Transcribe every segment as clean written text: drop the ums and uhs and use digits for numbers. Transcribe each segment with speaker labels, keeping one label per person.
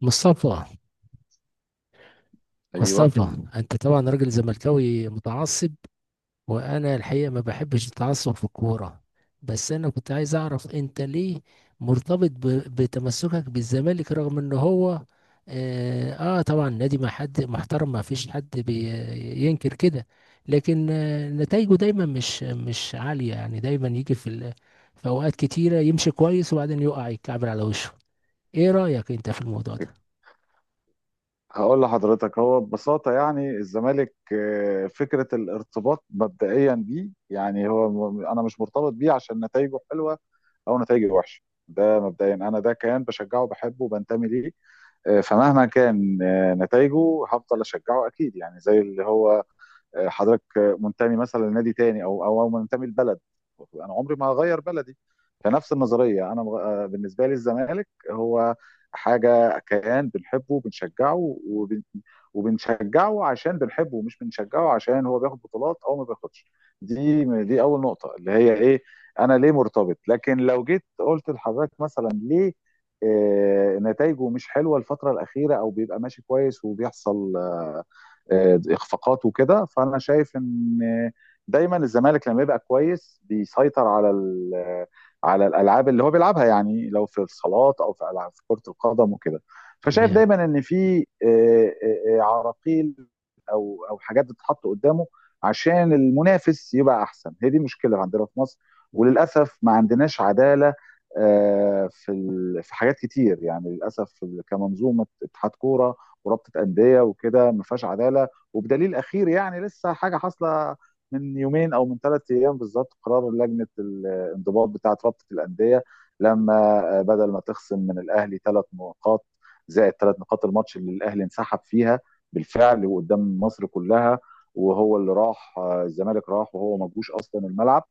Speaker 1: مصطفى
Speaker 2: ايوه.
Speaker 1: مصطفى. انت طبعا راجل زملكاوي متعصب، وانا الحقيقه ما بحبش التعصب في الكوره. بس انا كنت عايز اعرف انت ليه مرتبط بتمسكك بالزمالك رغم ان هو. اه, طبعا نادي ما حد محترم، ما فيش حد بينكر كده. لكن نتائجه دايما مش عاليه يعني، دايما يجي في في اوقات كتيره يمشي كويس وبعدين يقع يتكعبل على وشه. ايه رايك انت في الموضوع ده؟
Speaker 2: هقول لحضرتك هو ببساطة يعني الزمالك، فكرة الارتباط مبدئيا بيه، يعني هو أنا مش مرتبط بيه عشان نتائجه حلوة أو نتائجه وحشة. ده مبدئيا، أنا ده كيان بشجعه بحبه وبنتمي ليه. فمهما كان نتائجه هفضل أشجعه أكيد، يعني زي اللي هو حضرتك منتمي مثلا لنادي تاني او منتمي لبلد. انا عمري ما هغير بلدي. فنفس النظريه، انا بالنسبه لي الزمالك هو حاجه، كيان بنحبه بنشجعه وبنشجعه عشان بنحبه، مش بنشجعه عشان هو بياخد بطولات او ما بياخدش. دي اول نقطه، اللي هي ايه، انا ليه مرتبط. لكن لو جيت قلت لحضرتك مثلا ليه، نتائجه مش حلوه الفتره الاخيره، او بيبقى ماشي كويس وبيحصل اخفاقات وكده، فانا شايف ان دايما الزمالك لما يبقى كويس بيسيطر على الالعاب اللي هو بيلعبها، يعني لو في الصالات او في العاب في كره القدم وكده. فشايف
Speaker 1: تمام.
Speaker 2: دايما ان في عراقيل او حاجات بتتحط قدامه عشان المنافس يبقى احسن. هي دي مشكله عندنا في مصر، وللاسف ما عندناش عداله، في في حاجات كتير يعني، للاسف كمنظومه اتحاد كوره، ورابطه انديه وكده ما فيهاش عداله. وبدليل اخير، يعني لسه حاجه حاصله من يومين او من 3 ايام بالظبط، قرار لجنه الانضباط بتاعه رابطه الانديه. لما بدل ما تخصم من الاهلي 3 نقاط، زائد 3 نقاط الماتش اللي الاهلي انسحب فيها بالفعل وقدام مصر كلها، وهو اللي راح، الزمالك راح وهو ما جوش اصلا الملعب.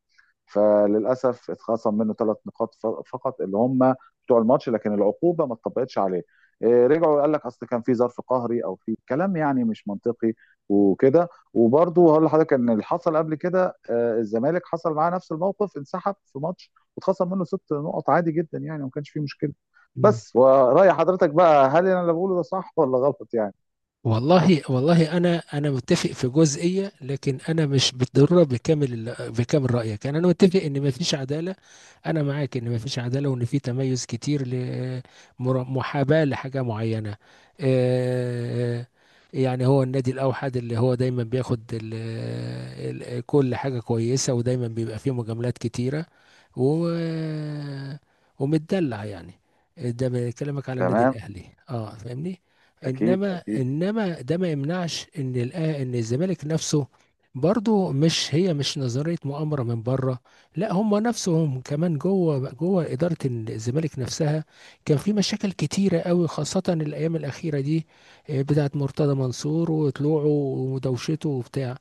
Speaker 2: فللاسف اتخصم منه 3 نقاط فقط، اللي هم بتوع الماتش، لكن العقوبه ما اتطبقتش عليه. إيه، رجعوا قال لك اصل كان في ظرف قهري، او في كلام يعني مش منطقي وكده. وبرضه هقول لحضرتك ان اللي حصل قبل كده، الزمالك حصل معاه نفس الموقف، انسحب في ماتش واتخصم منه 6 نقط، عادي جدا يعني وما كانش فيه مشكله. بس ورأي حضرتك بقى، هل انا اللي بقوله ده صح ولا غلط يعني؟
Speaker 1: والله والله انا متفق في جزئيه، لكن انا مش بالضروره بكامل رايك. يعني انا متفق ان ما فيش عداله. انا معاك ان ما فيش عداله، وان في تميز كتير لمحاباه لحاجه معينه. آه، يعني هو النادي الاوحد اللي هو دايما بياخد كل حاجه كويسه، ودايما بيبقى فيه مجاملات كتيره، و ومتدلع يعني. ده بكلمك على النادي
Speaker 2: تمام.
Speaker 1: الاهلي. اه، فاهمني.
Speaker 2: اكيد،
Speaker 1: انما
Speaker 2: اكيد.
Speaker 1: انما ده ما يمنعش ان ان الزمالك نفسه برضو، مش هي مش نظريه مؤامره من بره. لا، هم نفسهم كمان جوه، اداره الزمالك نفسها كان في مشاكل كتيره قوي، خاصه الايام الاخيره دي. بتاعه مرتضى منصور وطلوعه ودوشته وبتاع.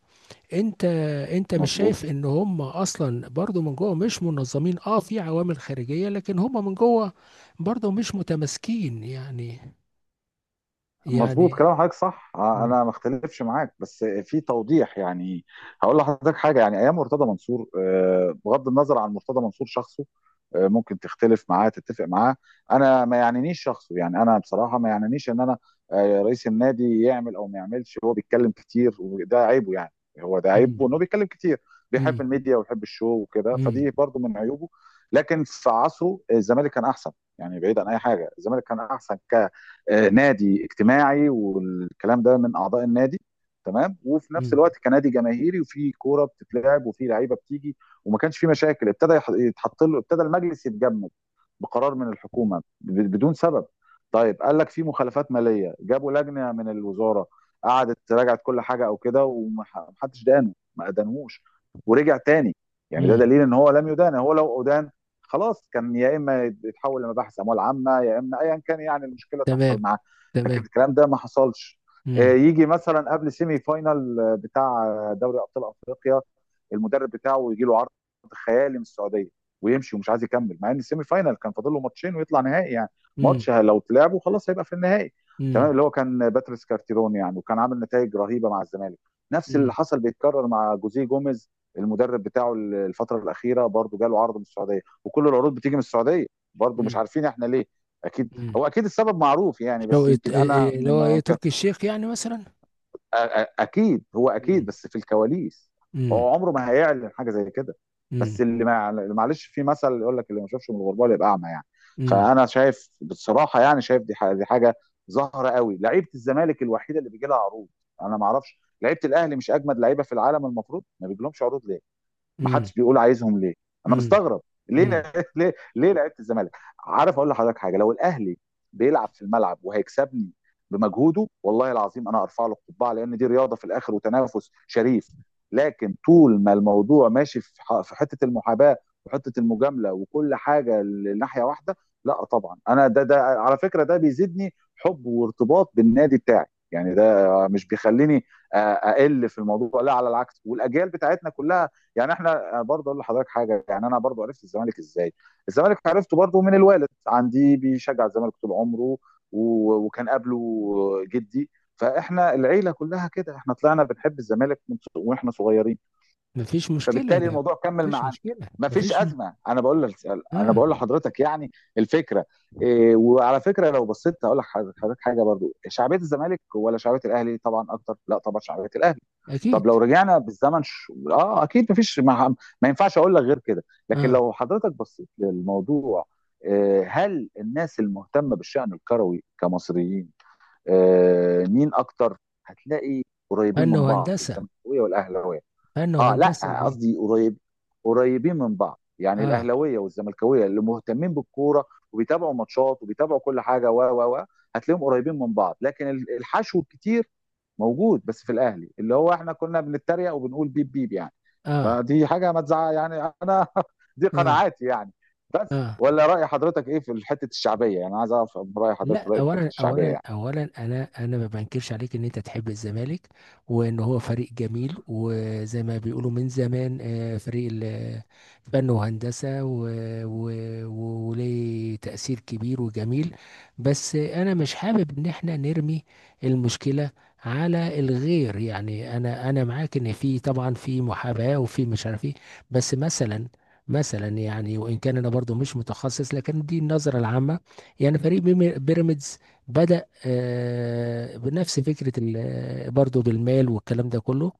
Speaker 1: انت انت مش شايف
Speaker 2: مظبوط.
Speaker 1: ان هم اصلا برضو من جوه مش منظمين؟ اه، في عوامل خارجيه لكن هم من جوه برضو مش متماسكين يعني.
Speaker 2: مظبوط،
Speaker 1: يعني
Speaker 2: كلام حضرتك صح.
Speaker 1: مم.
Speaker 2: انا ما اختلفش معاك بس في توضيح يعني. هقول لحضرتك حاجه، يعني ايام مرتضى منصور، بغض النظر عن مرتضى منصور شخصه، ممكن تختلف معاه تتفق معاه، انا ما يعنينيش شخصه، يعني انا بصراحه ما يعنينيش ان انا، رئيس النادي يعمل او ما يعملش، هو بيتكلم كتير وده عيبه يعني، هو ده عيبه
Speaker 1: مم.
Speaker 2: انه بيتكلم كتير. بيحب
Speaker 1: مم.
Speaker 2: الميديا ويحب الشو وكده،
Speaker 1: مم.
Speaker 2: فدي برضو من عيوبه. لكن في عصره الزمالك كان احسن، يعني بعيد عن اي حاجه الزمالك كان احسن. نادي اجتماعي والكلام ده من اعضاء النادي، تمام. وفي نفس
Speaker 1: مم.
Speaker 2: الوقت كنادي جماهيري، وفي كوره بتتلعب، وفي لعيبه بتيجي، وما كانش في مشاكل. ابتدى يتحط له، ابتدى المجلس يتجمد بقرار من الحكومه، بدون سبب. طيب، قال لك في مخالفات ماليه، جابوا لجنه من الوزاره قعدت راجعت كل حاجه او كده، ومحدش دانه، ما ادانهوش، ورجع تاني. يعني ده
Speaker 1: مم.
Speaker 2: دليل ان هو لم يدان، هو لو ادان خلاص كان يا اما يتحول لمباحث اموال عامه، يا اما ايا كان يعني المشكله
Speaker 1: تمام.
Speaker 2: تحصل معاه، لكن
Speaker 1: تمام.
Speaker 2: الكلام ده ما حصلش.
Speaker 1: مم.
Speaker 2: يجي مثلا قبل سيمي فاينال بتاع دوري ابطال افريقيا، المدرب بتاعه يجي له عرض خيالي من السعوديه، ويمشي ومش عايز يكمل، مع ان السيمي فاينال كان فاضل له ماتشين ويطلع نهائي يعني،
Speaker 1: مم.
Speaker 2: ماتش لو اتلعبه خلاص هيبقى في النهائي، تمام.
Speaker 1: مم.
Speaker 2: اللي هو كان باتريس كارتيرون، يعني وكان عامل نتائج رهيبه مع الزمالك. نفس اللي
Speaker 1: مم.
Speaker 2: حصل بيتكرر مع جوزيه جوميز، المدرب بتاعه الفتره الاخيره برضه جاله عرض من السعوديه، وكل العروض بتيجي من السعوديه، برضه مش
Speaker 1: مم.
Speaker 2: عارفين احنا ليه. اكيد،
Speaker 1: مم.
Speaker 2: هو اكيد السبب معروف يعني، بس
Speaker 1: شوقي،
Speaker 2: يمكن انا
Speaker 1: اللي هو ايه،
Speaker 2: ما كان-
Speaker 1: تركي الشيخ يعني مثلا.
Speaker 2: اكيد، هو اكيد،
Speaker 1: مم.
Speaker 2: بس في الكواليس
Speaker 1: مم.
Speaker 2: هو عمره ما هيعلن حاجه زي كده.
Speaker 1: مم.
Speaker 2: بس اللي ما اللي معلش، في مثل يقول لك اللي ما شافش من الغربال يبقى اعمى يعني.
Speaker 1: مم.
Speaker 2: فانا شايف بصراحه، يعني شايف دي دي حاجه ظاهره قوي، لعيبه الزمالك الوحيده اللي بيجي لها عروض. انا ما اعرفش، لعيبه الاهلي مش اجمد لعيبه في العالم؟ المفروض ما بيجيلهمش عروض ليه؟ ما
Speaker 1: مم.
Speaker 2: حدش بيقول عايزهم ليه؟ انا
Speaker 1: مم.
Speaker 2: مستغرب ليه
Speaker 1: مم.
Speaker 2: ليه لعيبه الزمالك؟ عارف اقول لحضرتك حاجه، لو الاهلي بيلعب في الملعب وهيكسبني بمجهوده، والله العظيم انا ارفع له القبعه، لان دي رياضه في الاخر وتنافس شريف. لكن طول ما الموضوع ماشي في في حته المحاباه، وحته المجامله، وكل حاجه لناحيه واحده، لا طبعا. انا ده على فكره ده بيزيدني حب وارتباط بالنادي بتاعي، يعني ده مش بيخليني اقل في الموضوع، لا على العكس، والاجيال بتاعتنا كلها. يعني احنا برضه اقول لحضرتك حاجه، يعني انا برضه عرفت الزمالك ازاي؟ الزمالك عرفته برضه من الوالد، عندي بيشجع الزمالك طول عمره، وكان قبله جدي. فاحنا العيله كلها كده، احنا طلعنا بنحب الزمالك واحنا صغيرين،
Speaker 1: مفيش مشكلة،
Speaker 2: فبالتالي
Speaker 1: لا.
Speaker 2: الموضوع كمل
Speaker 1: مفيش
Speaker 2: معانا.
Speaker 1: مشكلة،
Speaker 2: مفيش ازمه، انا بقول لك، انا
Speaker 1: اه،
Speaker 2: بقول لحضرتك يعني الفكره. إيه، وعلى فكره لو بصيت هقول لحضرتك حاجه برضو، شعبيه الزمالك ولا شعبيه الاهلي طبعا اكتر؟ لا طبعا شعبيه الاهلي.
Speaker 1: اكيد.
Speaker 2: طب لو رجعنا بالزمن اه اكيد، مفيش ما ينفعش اقول لك غير كده. لكن
Speaker 1: اه،
Speaker 2: لو حضرتك بصيت للموضوع، هل الناس المهتمه بالشان الكروي كمصريين مين اكتر؟ هتلاقي قريبين
Speaker 1: فن
Speaker 2: من بعض،
Speaker 1: وهندسة،
Speaker 2: الزملكاويه والاهلاويه.
Speaker 1: فن
Speaker 2: اه،
Speaker 1: وهندسة
Speaker 2: لا
Speaker 1: دي.
Speaker 2: قصدي قريب، قريبين من بعض، يعني
Speaker 1: اه.
Speaker 2: الاهلاويه والزملكاويه اللي مهتمين بالكوره وبيتابعوا ماتشات وبيتابعوا كل حاجه و هتلاقيهم قريبين من بعض. لكن الحشو الكتير موجود بس في الاهلي، اللي هو احنا كنا بنتريق وبنقول بيب بيب يعني.
Speaker 1: اه.
Speaker 2: فدي حاجه ما تزعل يعني، انا دي
Speaker 1: اه.
Speaker 2: قناعاتي يعني. بس
Speaker 1: اه.
Speaker 2: ولا راي حضرتك ايه في حته الشعبيه؟ يعني عايز اعرف راي حضرتك
Speaker 1: لا،
Speaker 2: في راي حته
Speaker 1: اولا
Speaker 2: الشعبيه
Speaker 1: اولا
Speaker 2: يعني.
Speaker 1: اولا انا ما بنكرش عليك ان انت تحب الزمالك، وان هو فريق جميل وزي ما بيقولوا من زمان. فريق فن وهندسه وليه تاثير كبير وجميل. بس انا مش حابب ان احنا نرمي المشكله على الغير. يعني انا معاك ان في طبعا في محاباه، وفي مش عارف ايه. بس مثلا، يعني وان كان انا برضو مش متخصص لكن دي النظره العامه. يعني فريق بيراميدز بدأ بنفس فكرة برضه بالمال والكلام ده كله،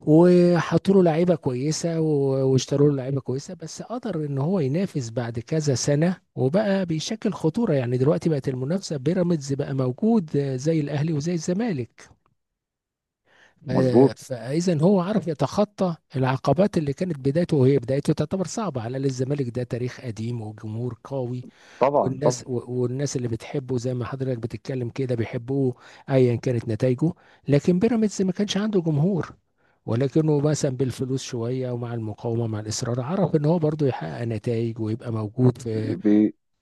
Speaker 1: وحطوا له لعيبة كويسة واشتروا له لعيبة كويسة. بس قدر ان هو ينافس بعد كذا سنة وبقى بيشكل خطورة. يعني دلوقتي بقت المنافسة، بيراميدز بقى موجود زي الأهلي وزي الزمالك.
Speaker 2: مظبوط.
Speaker 1: فإذا هو عرف يتخطى العقبات اللي كانت بدايته، وهي بدايته تعتبر صعبة. على الأقل الزمالك ده تاريخ قديم وجمهور قوي،
Speaker 2: طبعا، طبعا.
Speaker 1: والناس والناس اللي بتحبه زي ما حضرتك بتتكلم كده بيحبوه ايا كانت نتائجه. لكن بيراميدز ما كانش عنده جمهور، ولكنه مثلا بالفلوس شويه، ومع المقاومه مع الاصرار عرف ان هو برضه يحقق نتائج ويبقى موجود في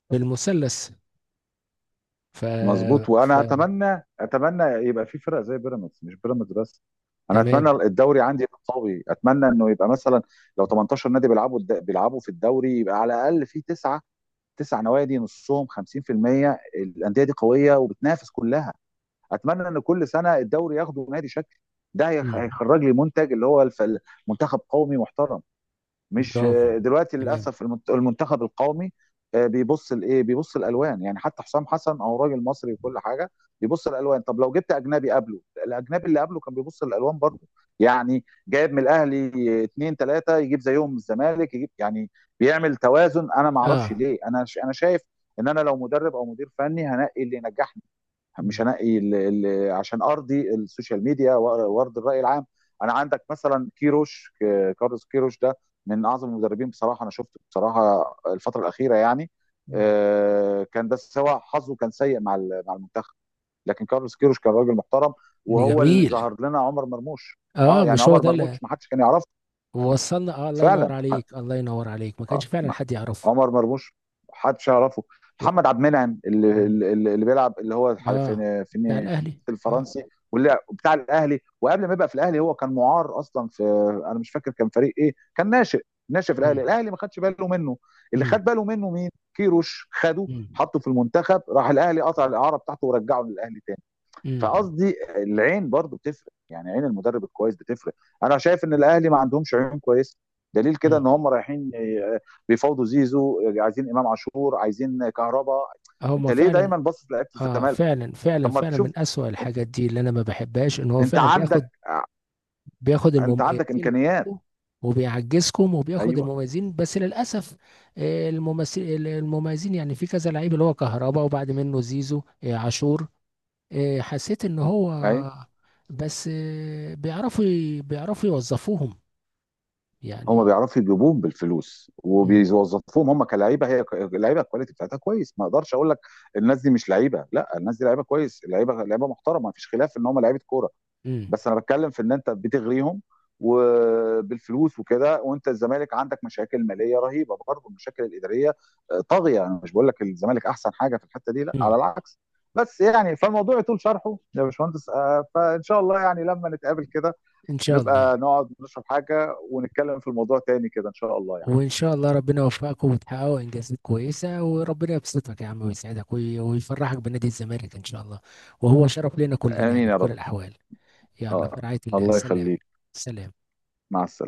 Speaker 1: المثلث. ف
Speaker 2: مظبوط.
Speaker 1: ف
Speaker 2: وانا اتمنى يبقى في فرق زي بيراميدز، مش بيراميدز بس. انا
Speaker 1: تمام.
Speaker 2: اتمنى الدوري عندي يبقى قوي، اتمنى انه يبقى مثلا لو 18 نادي بيلعبوا بيلعبوا في الدوري يبقى على الاقل في تسعه، 9 نوادي، نصهم 50% الانديه دي قويه وبتنافس كلها. اتمنى ان كل سنه الدوري ياخده نادي شكل، ده
Speaker 1: مم.
Speaker 2: هيخرج لي منتج اللي هو منتخب قومي محترم، مش
Speaker 1: برافو.
Speaker 2: دلوقتي
Speaker 1: تمام.
Speaker 2: للاسف. المنتخب القومي بيبص لايه؟ بيبص الالوان. يعني حتى حسام حسن، او راجل مصري وكل حاجه، بيبص الالوان. طب لو جبت اجنبي قبله، الاجنبي اللي قبله كان بيبص الالوان برضه، يعني جايب من الاهلي اثنين ثلاثه، يجيب زيهم من الزمالك، يجيب يعني، بيعمل توازن. انا ما اعرفش
Speaker 1: اه.
Speaker 2: ليه، انا انا شايف ان انا لو مدرب او مدير فني، هنقي اللي ينجحني، مش
Speaker 1: مم.
Speaker 2: هنقي ال عشان ارضي السوشيال ميديا وارضي الراي العام. انا عندك مثلا كيروش، كارلوس كيروش ده من اعظم المدربين بصراحه، انا شفته بصراحه الفتره الاخيره يعني.
Speaker 1: مم.
Speaker 2: كان ده سواء حظه كان سيء مع المنتخب، لكن كارلوس كيروش كان راجل محترم، وهو اللي
Speaker 1: جميل.
Speaker 2: ظهر لنا عمر مرموش. اه،
Speaker 1: اه،
Speaker 2: يعني
Speaker 1: مش هو
Speaker 2: عمر
Speaker 1: ده اللي
Speaker 2: مرموش ما حدش كان يعرفه
Speaker 1: وصلنا؟ اه، الله ينور
Speaker 2: فعلا.
Speaker 1: عليك، الله ينور عليك، ما كانش
Speaker 2: اه،
Speaker 1: فعلا حد يعرفه.
Speaker 2: عمر مرموش محدش يعرفه. محمد
Speaker 1: و-
Speaker 2: عبد المنعم اللي
Speaker 1: مم.
Speaker 2: اللي, اللي بيلعب اللي هو،
Speaker 1: اه. بتاع الاهلي.
Speaker 2: في
Speaker 1: اه.
Speaker 2: الفرنسي، واللي بتاع الاهلي، وقبل ما يبقى في الاهلي هو كان معار اصلا في، انا مش فاكر كان فريق ايه، كان ناشئ ناشئ في الاهلي.
Speaker 1: امم.
Speaker 2: الاهلي ما خدش باله منه، اللي
Speaker 1: امم.
Speaker 2: خد باله منه مين؟ كيروش خده
Speaker 1: امم.
Speaker 2: حطه في المنتخب، راح الاهلي قطع الاعاره بتاعته ورجعه للاهلي تاني.
Speaker 1: امم.
Speaker 2: فقصدي العين برضو بتفرق، يعني عين المدرب الكويس بتفرق. انا شايف ان الاهلي ما عندهمش عيون كويسه، دليل كده
Speaker 1: امم.
Speaker 2: ان هم رايحين بيفاوضوا زيزو، عايزين امام عاشور، عايزين كهربا.
Speaker 1: هما
Speaker 2: انت ليه
Speaker 1: فعلا.
Speaker 2: دايما باصص لعيبه
Speaker 1: اه،
Speaker 2: الزمالك؟
Speaker 1: فعلا فعلا
Speaker 2: طب ما
Speaker 1: فعلا
Speaker 2: تشوف،
Speaker 1: من اسوأ الحاجات دي اللي انا ما بحبهاش، ان هو
Speaker 2: انت
Speaker 1: فعلا بياخد،
Speaker 2: عندك،
Speaker 1: بياخد
Speaker 2: انت عندك
Speaker 1: المميزين
Speaker 2: امكانيات.
Speaker 1: عندكم وبيعجزكم، وبياخد
Speaker 2: ايوه،
Speaker 1: المميزين بس للاسف. الممثل المميزين يعني، في كذا لعيب اللي هو كهربا وبعد منه زيزو، عاشور. حسيت ان هو،
Speaker 2: ايوه.
Speaker 1: بس بيعرفوا يوظفوهم
Speaker 2: هم
Speaker 1: يعني.
Speaker 2: بيعرفوا يجيبوهم بالفلوس
Speaker 1: امم.
Speaker 2: وبيوظفوهم، هم كلعيبه، هي اللعيبه الكواليتي بتاعتها كويس، ما اقدرش اقول لك الناس دي مش لعيبه، لا الناس دي لعيبه كويس، لعيبه، لعيبه محترمه، ما فيش خلاف ان هم لعيبه كوره. بس انا بتكلم في ان انت بتغريهم وبالفلوس وكده، وانت الزمالك عندك مشاكل ماليه رهيبه برضه، المشاكل الاداريه طاغيه. انا مش بقول لك الزمالك احسن حاجه في الحته دي، لا على
Speaker 1: امم.
Speaker 2: العكس. بس يعني، فالموضوع يطول شرحه يا باشمهندس، فان شاء الله يعني لما نتقابل كده،
Speaker 1: ان شاء الله.
Speaker 2: نبقى نقعد نشرب حاجه ونتكلم في الموضوع تاني كده، ان شاء الله يعني.
Speaker 1: وان شاء الله ربنا يوفقكم وتحققوا انجازات كويسه، وربنا يبسطك يا عم ويسعدك ويفرحك بنادي الزمالك ان شاء الله. وهو شرف لنا كلنا
Speaker 2: امين
Speaker 1: يعني
Speaker 2: يا
Speaker 1: بكل
Speaker 2: رب.
Speaker 1: الاحوال. يلا، في
Speaker 2: اه،
Speaker 1: رعايه الله.
Speaker 2: الله
Speaker 1: سلام.
Speaker 2: يخليك.
Speaker 1: سلام.
Speaker 2: مع السلامه.